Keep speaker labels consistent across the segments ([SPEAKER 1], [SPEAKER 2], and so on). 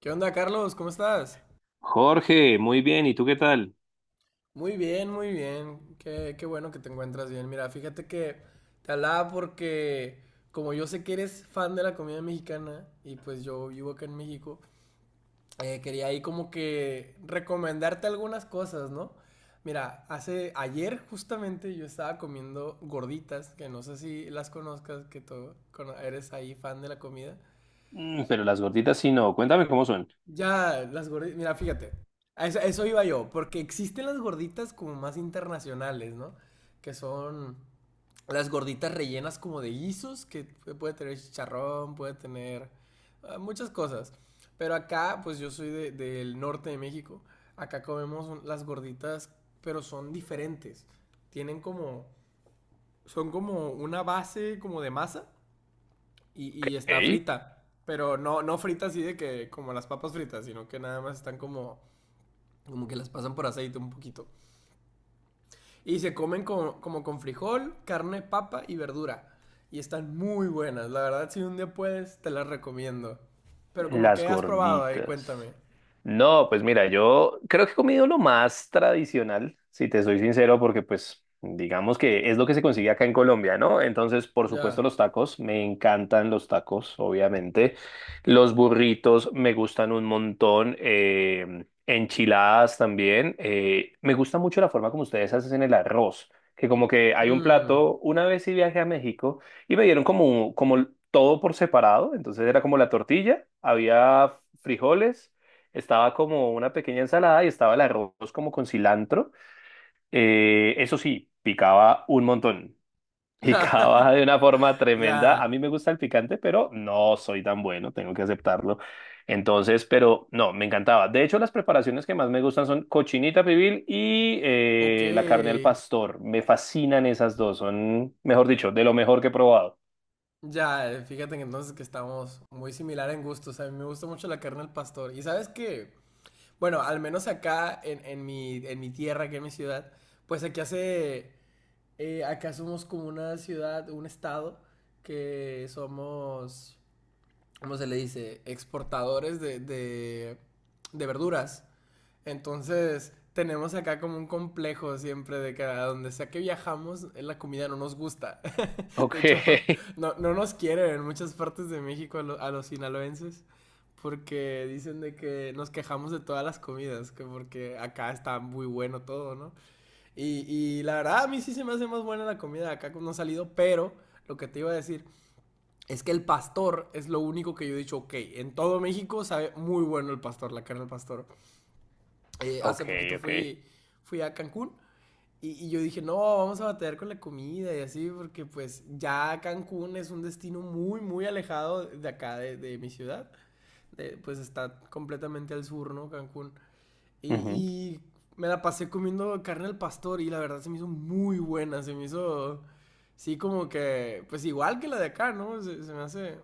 [SPEAKER 1] ¿Qué onda, Carlos? ¿Cómo estás?
[SPEAKER 2] Jorge, muy bien, ¿y tú qué tal?
[SPEAKER 1] Muy bien, muy bien. Qué bueno que te encuentras bien. Mira, fíjate que te hablaba porque como yo sé que eres fan de la comida mexicana y pues yo vivo acá en México, quería ahí como que recomendarte algunas cosas, ¿no? Mira, hace ayer justamente yo estaba comiendo gorditas, que no sé si las conozcas, que eres ahí fan de la comida.
[SPEAKER 2] Mm, pero las gorditas sí no, cuéntame cómo son.
[SPEAKER 1] Ya, las gorditas, mira, fíjate, a eso iba yo, porque existen las gorditas como más internacionales, ¿no? Que son las gorditas rellenas como de guisos, que puede tener chicharrón, puede tener muchas cosas. Pero acá, pues yo soy del norte de México, acá comemos las gorditas, pero son diferentes. Tienen como, son como una base como de masa y, está
[SPEAKER 2] Ok.
[SPEAKER 1] frita, pero no frita así de que como las papas fritas, sino que nada más están como, como que las pasan por aceite un poquito. Y se comen como con frijol, carne, papa y verdura. Y están muy buenas, la verdad si un día puedes, te las recomiendo. Pero como
[SPEAKER 2] Las
[SPEAKER 1] que has probado ahí,
[SPEAKER 2] gorditas.
[SPEAKER 1] cuéntame.
[SPEAKER 2] No, pues mira, yo creo que he comido lo más tradicional, si te soy sincero, porque pues digamos que es lo que se consigue acá en Colombia, ¿no? Entonces, por supuesto,
[SPEAKER 1] Ya.
[SPEAKER 2] los tacos, me encantan los tacos, obviamente. Los burritos me gustan un montón. Enchiladas también. Me gusta mucho la forma como ustedes hacen el arroz, que como que hay un
[SPEAKER 1] Mm.
[SPEAKER 2] plato, una vez sí viajé a México. Y me dieron como, como todo por separado, entonces era como la tortilla, había frijoles, estaba como una pequeña ensalada y estaba el arroz como con cilantro. Eso sí, picaba un montón, picaba de una forma tremenda. A
[SPEAKER 1] Ya.
[SPEAKER 2] mí me gusta el picante, pero no soy tan bueno, tengo que aceptarlo. Entonces, pero no, me encantaba. De hecho, las preparaciones que más me gustan son cochinita pibil y
[SPEAKER 1] Ok.
[SPEAKER 2] la carne al pastor. Me fascinan esas dos, son, mejor dicho, de lo mejor que he probado.
[SPEAKER 1] Ya, fíjate que entonces que estamos muy similar en gustos. A mí me gusta mucho la carne al pastor. ¿Y sabes qué? Bueno, al menos acá en en mi tierra, que es mi ciudad, pues aquí hace, acá somos como una ciudad, un estado, que somos, ¿cómo se le dice? Exportadores de verduras. Entonces, tenemos acá como un complejo siempre de que a donde sea que viajamos, la comida no nos gusta. De
[SPEAKER 2] Ok,
[SPEAKER 1] hecho, no, no nos quieren en muchas partes de México a los sinaloenses porque dicen de que nos quejamos de todas las comidas, que porque acá está muy bueno todo, ¿no? Y, la verdad a mí sí se me hace más buena la comida de acá cuando ha salido, pero lo que te iba a decir es que el pastor es lo único que yo he dicho, ok, en todo México sabe muy bueno el pastor, la carne del pastor.
[SPEAKER 2] ok,
[SPEAKER 1] Hace poquito
[SPEAKER 2] ok.
[SPEAKER 1] fui, fui a Cancún y, yo dije, no, vamos a batallar con la comida y así, porque pues ya Cancún es un destino muy, muy alejado de acá, de mi ciudad. Pues está completamente al sur, ¿no? Cancún. Y,
[SPEAKER 2] Ujú.
[SPEAKER 1] y me la pasé comiendo carne al pastor y la verdad se me hizo muy buena, se me hizo, sí, como que, pues igual que la de acá, ¿no? Se me hace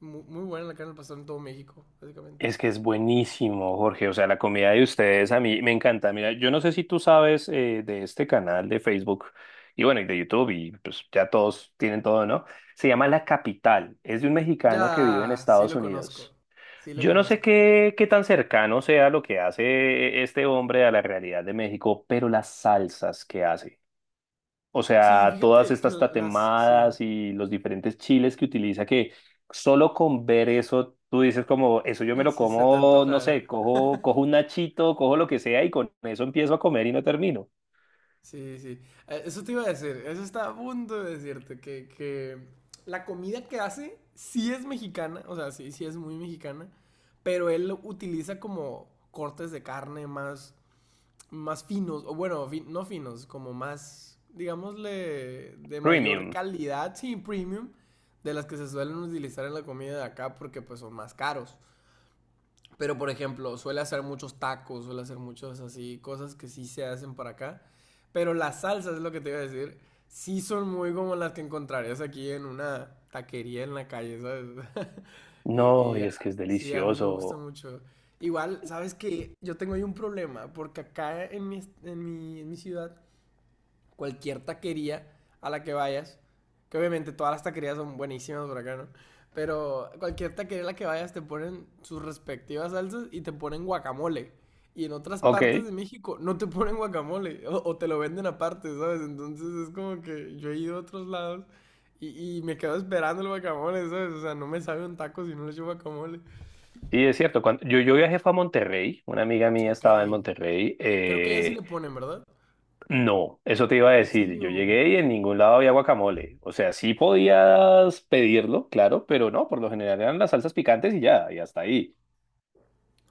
[SPEAKER 1] muy, buena la carne al pastor en todo México, básicamente.
[SPEAKER 2] Es que es buenísimo, Jorge. O sea, la comida de ustedes a mí me encanta. Mira, yo no sé si tú sabes de este canal de Facebook y bueno, y de YouTube y pues ya todos tienen todo, ¿no? Se llama La Capital. Es de un mexicano que vive en
[SPEAKER 1] Ya, sí
[SPEAKER 2] Estados
[SPEAKER 1] lo conozco,
[SPEAKER 2] Unidos.
[SPEAKER 1] sí lo
[SPEAKER 2] Yo no sé
[SPEAKER 1] conozco.
[SPEAKER 2] qué, qué tan cercano sea lo que hace este hombre a la realidad de México, pero las salsas que hace. O
[SPEAKER 1] Sí,
[SPEAKER 2] sea, todas
[SPEAKER 1] fíjate que
[SPEAKER 2] estas
[SPEAKER 1] las, sí.
[SPEAKER 2] tatemadas y los diferentes chiles que utiliza, que solo con ver eso, tú dices como, eso yo me lo
[SPEAKER 1] Sí, se te
[SPEAKER 2] como, no
[SPEAKER 1] antoja.
[SPEAKER 2] sé, cojo un nachito, cojo lo que sea y con eso empiezo a comer y no termino.
[SPEAKER 1] Sí, sí. Eso te iba a decir, eso estaba a punto de decirte, que la comida que hace sí es mexicana, o sea, sí, sí es muy mexicana, pero él lo utiliza como cortes de carne más, más finos, o bueno, no finos, como más, digámosle, de mayor
[SPEAKER 2] Premium.
[SPEAKER 1] calidad, sí, premium, de las que se suelen utilizar en la comida de acá porque pues son más caros. Pero, por ejemplo, suele hacer muchos tacos, suele hacer muchas así, cosas que sí se hacen para acá. Pero las salsas, es lo que te iba a decir, sí son muy como las que encontrarías aquí en una taquería en la calle, ¿sabes?
[SPEAKER 2] No,
[SPEAKER 1] Y,
[SPEAKER 2] y es que es
[SPEAKER 1] sí, a mí me gusta
[SPEAKER 2] delicioso.
[SPEAKER 1] mucho. Igual, ¿sabes qué? Yo tengo ahí un problema, porque acá en en mi ciudad cualquier taquería a la que vayas, que obviamente todas las taquerías son buenísimas por acá, ¿no? Pero cualquier taquería a la que vayas te ponen sus respectivas salsas y te ponen guacamole. Y en otras
[SPEAKER 2] Ok,
[SPEAKER 1] partes de
[SPEAKER 2] sí,
[SPEAKER 1] México no te ponen guacamole o te lo venden aparte, ¿sabes? Entonces es como que yo he ido a otros lados y, me quedo esperando el guacamole, ¿sabes? O sea, no me sabe un taco si no le echo guacamole.
[SPEAKER 2] es cierto. Cuando, yo viajé fue a Monterrey, una amiga mía
[SPEAKER 1] Ok,
[SPEAKER 2] estaba en Monterrey.
[SPEAKER 1] creo que allá sí le ponen, ¿verdad?
[SPEAKER 2] No, eso te iba a
[SPEAKER 1] ¿En
[SPEAKER 2] decir. Yo
[SPEAKER 1] serio?
[SPEAKER 2] llegué y en ningún lado había guacamole. O sea, sí podías pedirlo, claro, pero no, por lo general eran las salsas picantes y ya, y hasta ahí.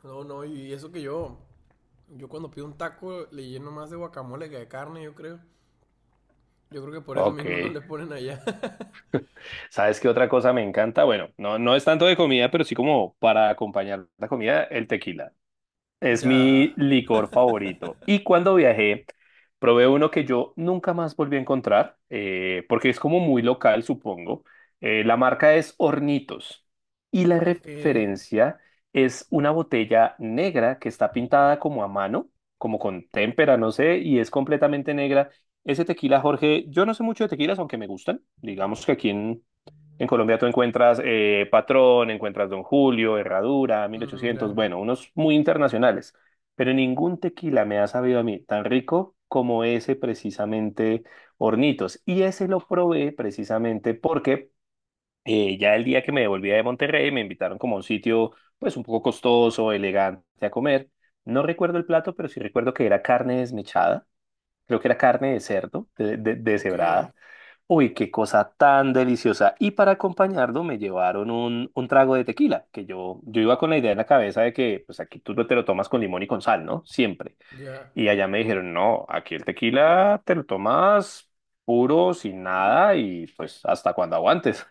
[SPEAKER 1] No, no, y eso que yo. Yo cuando pido un taco le lleno más de guacamole que de carne, yo creo. Yo creo que por eso
[SPEAKER 2] Ok.
[SPEAKER 1] mismo no le ponen allá.
[SPEAKER 2] ¿Sabes qué otra cosa me encanta? Bueno, no, no es tanto de comida, pero sí como para acompañar la comida, el tequila. Es mi
[SPEAKER 1] Ya.
[SPEAKER 2] licor favorito. Y cuando viajé, probé uno que yo nunca más volví a encontrar, porque es como muy local, supongo. La marca es Hornitos. Y la
[SPEAKER 1] Ok.
[SPEAKER 2] referencia es una botella negra que está pintada como a mano, como con témpera, no sé, y es completamente negra. Ese tequila, Jorge, yo no sé mucho de tequilas, aunque me gustan. Digamos que aquí en Colombia tú encuentras Patrón, encuentras Don Julio, Herradura,
[SPEAKER 1] Mm,
[SPEAKER 2] 1800,
[SPEAKER 1] ya.
[SPEAKER 2] bueno, unos muy internacionales, pero ningún tequila me ha sabido a mí tan rico como ese precisamente Hornitos. Y ese lo probé precisamente porque ya el día que me devolvía de Monterrey me invitaron como a un sitio, pues un poco costoso, elegante a comer. No recuerdo el plato, pero sí recuerdo que era carne desmechada, creo que era carne de cerdo,
[SPEAKER 1] Ok.
[SPEAKER 2] deshebrada. Uy, qué cosa tan deliciosa. Y para acompañarlo me llevaron un trago de tequila, que yo iba con la idea en la cabeza de que pues aquí tú te lo tomas con limón y con sal, ¿no? Siempre.
[SPEAKER 1] Ya.
[SPEAKER 2] Y allá me dijeron, no, aquí el tequila te lo tomas puro, sin nada y pues hasta cuando aguantes.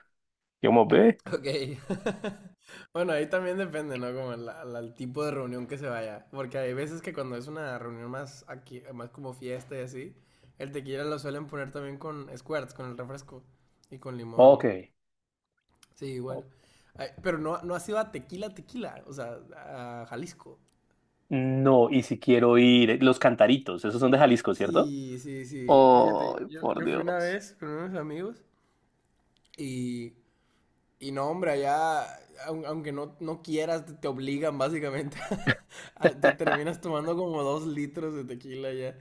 [SPEAKER 2] Yo como, ve.
[SPEAKER 1] Ok. Bueno, ahí también depende, ¿no? Como el tipo de reunión que se vaya. Porque hay veces que cuando es una reunión más aquí, más como fiesta y así, el tequila lo suelen poner también con squirts, con el refresco. Y con
[SPEAKER 2] Ok.
[SPEAKER 1] limón. Sí, igual.
[SPEAKER 2] Oh,
[SPEAKER 1] Ay, pero no, no ha sido a tequila, tequila. O sea, a Jalisco.
[SPEAKER 2] no, y si quiero ir, los cantaritos, esos son de Jalisco, ¿cierto?
[SPEAKER 1] Sí, sí, sí.
[SPEAKER 2] Oh,
[SPEAKER 1] Fíjate, yo,
[SPEAKER 2] por
[SPEAKER 1] fui una
[SPEAKER 2] Dios.
[SPEAKER 1] vez con unos amigos y, no, hombre, allá, aunque no, no quieras, te, obligan básicamente. Te terminas tomando como 2 litros de tequila ya.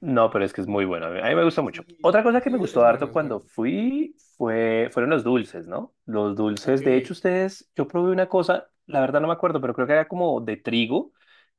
[SPEAKER 2] No, pero es que es muy
[SPEAKER 1] Y
[SPEAKER 2] bueno. A mí me gusta mucho.
[SPEAKER 1] sí,
[SPEAKER 2] Otra cosa que
[SPEAKER 1] sí,
[SPEAKER 2] me gustó
[SPEAKER 1] es bueno,
[SPEAKER 2] harto
[SPEAKER 1] es bueno.
[SPEAKER 2] cuando fui fueron los dulces, ¿no? Los
[SPEAKER 1] Ok,
[SPEAKER 2] dulces. De hecho, ustedes, yo probé una cosa, la verdad no me acuerdo, pero creo que era como de trigo.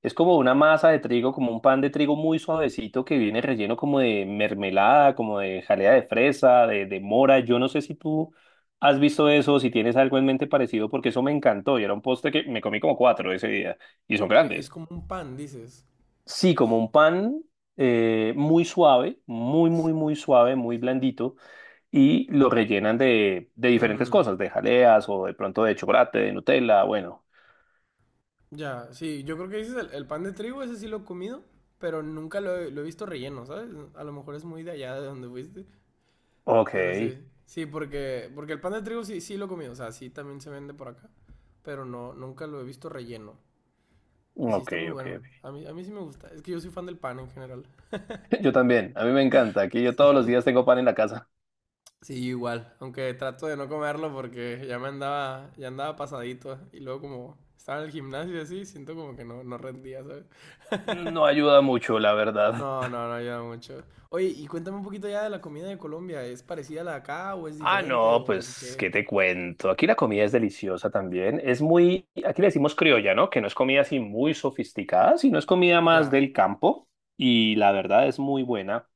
[SPEAKER 2] Es como una masa de trigo, como un pan de trigo muy suavecito que viene relleno como de mermelada, como de jalea de fresa, de mora. Yo no sé si tú has visto eso, si tienes algo en mente parecido, porque eso me encantó y era un postre que me comí como cuatro ese día y son
[SPEAKER 1] es
[SPEAKER 2] grandes.
[SPEAKER 1] como un pan, dices.
[SPEAKER 2] Sí, como un pan muy suave, muy suave, muy blandito, y lo rellenan de diferentes
[SPEAKER 1] Mm,
[SPEAKER 2] cosas, de jaleas o de pronto de chocolate, de Nutella, bueno.
[SPEAKER 1] ya, sí, yo creo que dices el pan de trigo, ese sí lo he comido, pero nunca lo he visto relleno, ¿sabes? A lo mejor es muy de allá de donde fuiste.
[SPEAKER 2] Ok,
[SPEAKER 1] Pero sí, sí, porque, porque el pan de trigo sí, sí lo he comido o sea, sí también se vende por acá, pero no, nunca lo he visto relleno. Y
[SPEAKER 2] ok,
[SPEAKER 1] sí
[SPEAKER 2] ok,
[SPEAKER 1] está muy
[SPEAKER 2] ok.
[SPEAKER 1] bueno, a mí sí me gusta, es que yo soy fan del pan en general.
[SPEAKER 2] Yo también, a mí me encanta, aquí yo todos los
[SPEAKER 1] Sí,
[SPEAKER 2] días tengo pan en la casa.
[SPEAKER 1] sí, yo igual, aunque trato de no comerlo porque ya me andaba, ya andaba pasadito y luego como estaba en el gimnasio y así, siento como que no, no rendía, ¿sabes?
[SPEAKER 2] No ayuda mucho, la verdad.
[SPEAKER 1] No, no, no ayuda mucho. Oye, y cuéntame un poquito ya de la comida de Colombia, ¿es parecida a la de acá o es
[SPEAKER 2] Ah,
[SPEAKER 1] diferente
[SPEAKER 2] no,
[SPEAKER 1] o en
[SPEAKER 2] pues,
[SPEAKER 1] qué?
[SPEAKER 2] ¿qué te cuento? Aquí la comida es deliciosa también. Es muy, aquí le decimos criolla, ¿no? Que no es comida así muy sofisticada, sino es comida más
[SPEAKER 1] Ya,
[SPEAKER 2] del campo y la verdad es muy buena.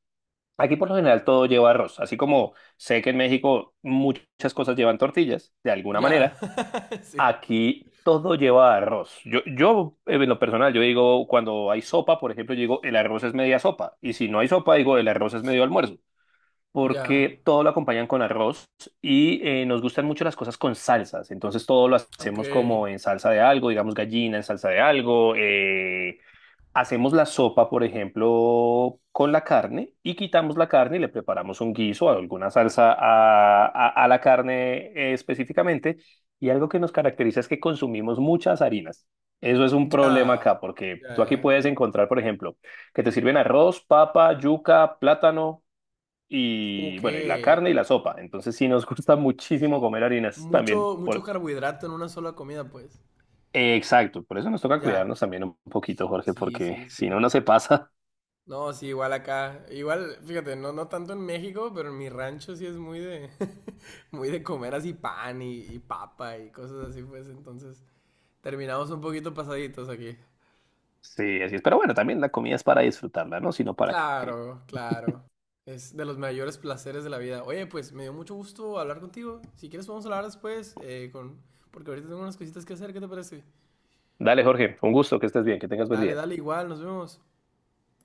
[SPEAKER 2] Aquí por lo general todo lleva arroz, así como sé que en México muchas cosas llevan tortillas, de alguna
[SPEAKER 1] ya.
[SPEAKER 2] manera,
[SPEAKER 1] Sí.
[SPEAKER 2] aquí todo lleva arroz. Yo en lo personal, yo digo, cuando hay sopa, por ejemplo, yo digo, el arroz es media sopa, y si no hay sopa, digo, el arroz es medio almuerzo,
[SPEAKER 1] Ya,
[SPEAKER 2] porque todo lo acompañan con arroz y nos gustan mucho las cosas con salsas. Entonces todo lo
[SPEAKER 1] ok,
[SPEAKER 2] hacemos como en salsa de algo, digamos gallina en salsa de algo. Hacemos la sopa, por ejemplo, con la carne y quitamos la carne y le preparamos un guiso o alguna salsa a la carne específicamente. Y algo que nos caracteriza es que consumimos muchas harinas. Eso es un
[SPEAKER 1] ya,
[SPEAKER 2] problema acá, porque
[SPEAKER 1] ya,
[SPEAKER 2] tú aquí
[SPEAKER 1] ya.
[SPEAKER 2] puedes encontrar, por ejemplo, que te sirven arroz, papa, yuca, plátano, y
[SPEAKER 1] Ok,
[SPEAKER 2] bueno, y la carne y la sopa. Entonces sí nos gusta
[SPEAKER 1] sí,
[SPEAKER 2] muchísimo
[SPEAKER 1] sí.
[SPEAKER 2] comer harinas también.
[SPEAKER 1] Mucho, mucho
[SPEAKER 2] Por...
[SPEAKER 1] carbohidrato en una sola comida, pues.
[SPEAKER 2] Exacto, por eso nos toca
[SPEAKER 1] Ya,
[SPEAKER 2] cuidarnos también un poquito, Jorge,
[SPEAKER 1] sí,
[SPEAKER 2] porque
[SPEAKER 1] sí,
[SPEAKER 2] si
[SPEAKER 1] sí.
[SPEAKER 2] no, no se pasa.
[SPEAKER 1] No, sí, igual acá. Igual, fíjate, no, no tanto en México, pero en mi rancho sí es muy de, muy de comer así pan y, papa y cosas así, pues. Entonces, terminamos un poquito pasaditos aquí.
[SPEAKER 2] Sí, así es. Pero bueno, también la comida es para disfrutarla, ¿no? Sino para que...
[SPEAKER 1] Claro, claro. Es de los mayores placeres de la vida. Oye, pues me dio mucho gusto hablar contigo. Si quieres podemos hablar después, con... porque ahorita tengo unas cositas que hacer, ¿qué te parece?
[SPEAKER 2] Dale, Jorge, un gusto, que estés bien, que tengas buen
[SPEAKER 1] Dale,
[SPEAKER 2] día.
[SPEAKER 1] dale, igual, nos vemos.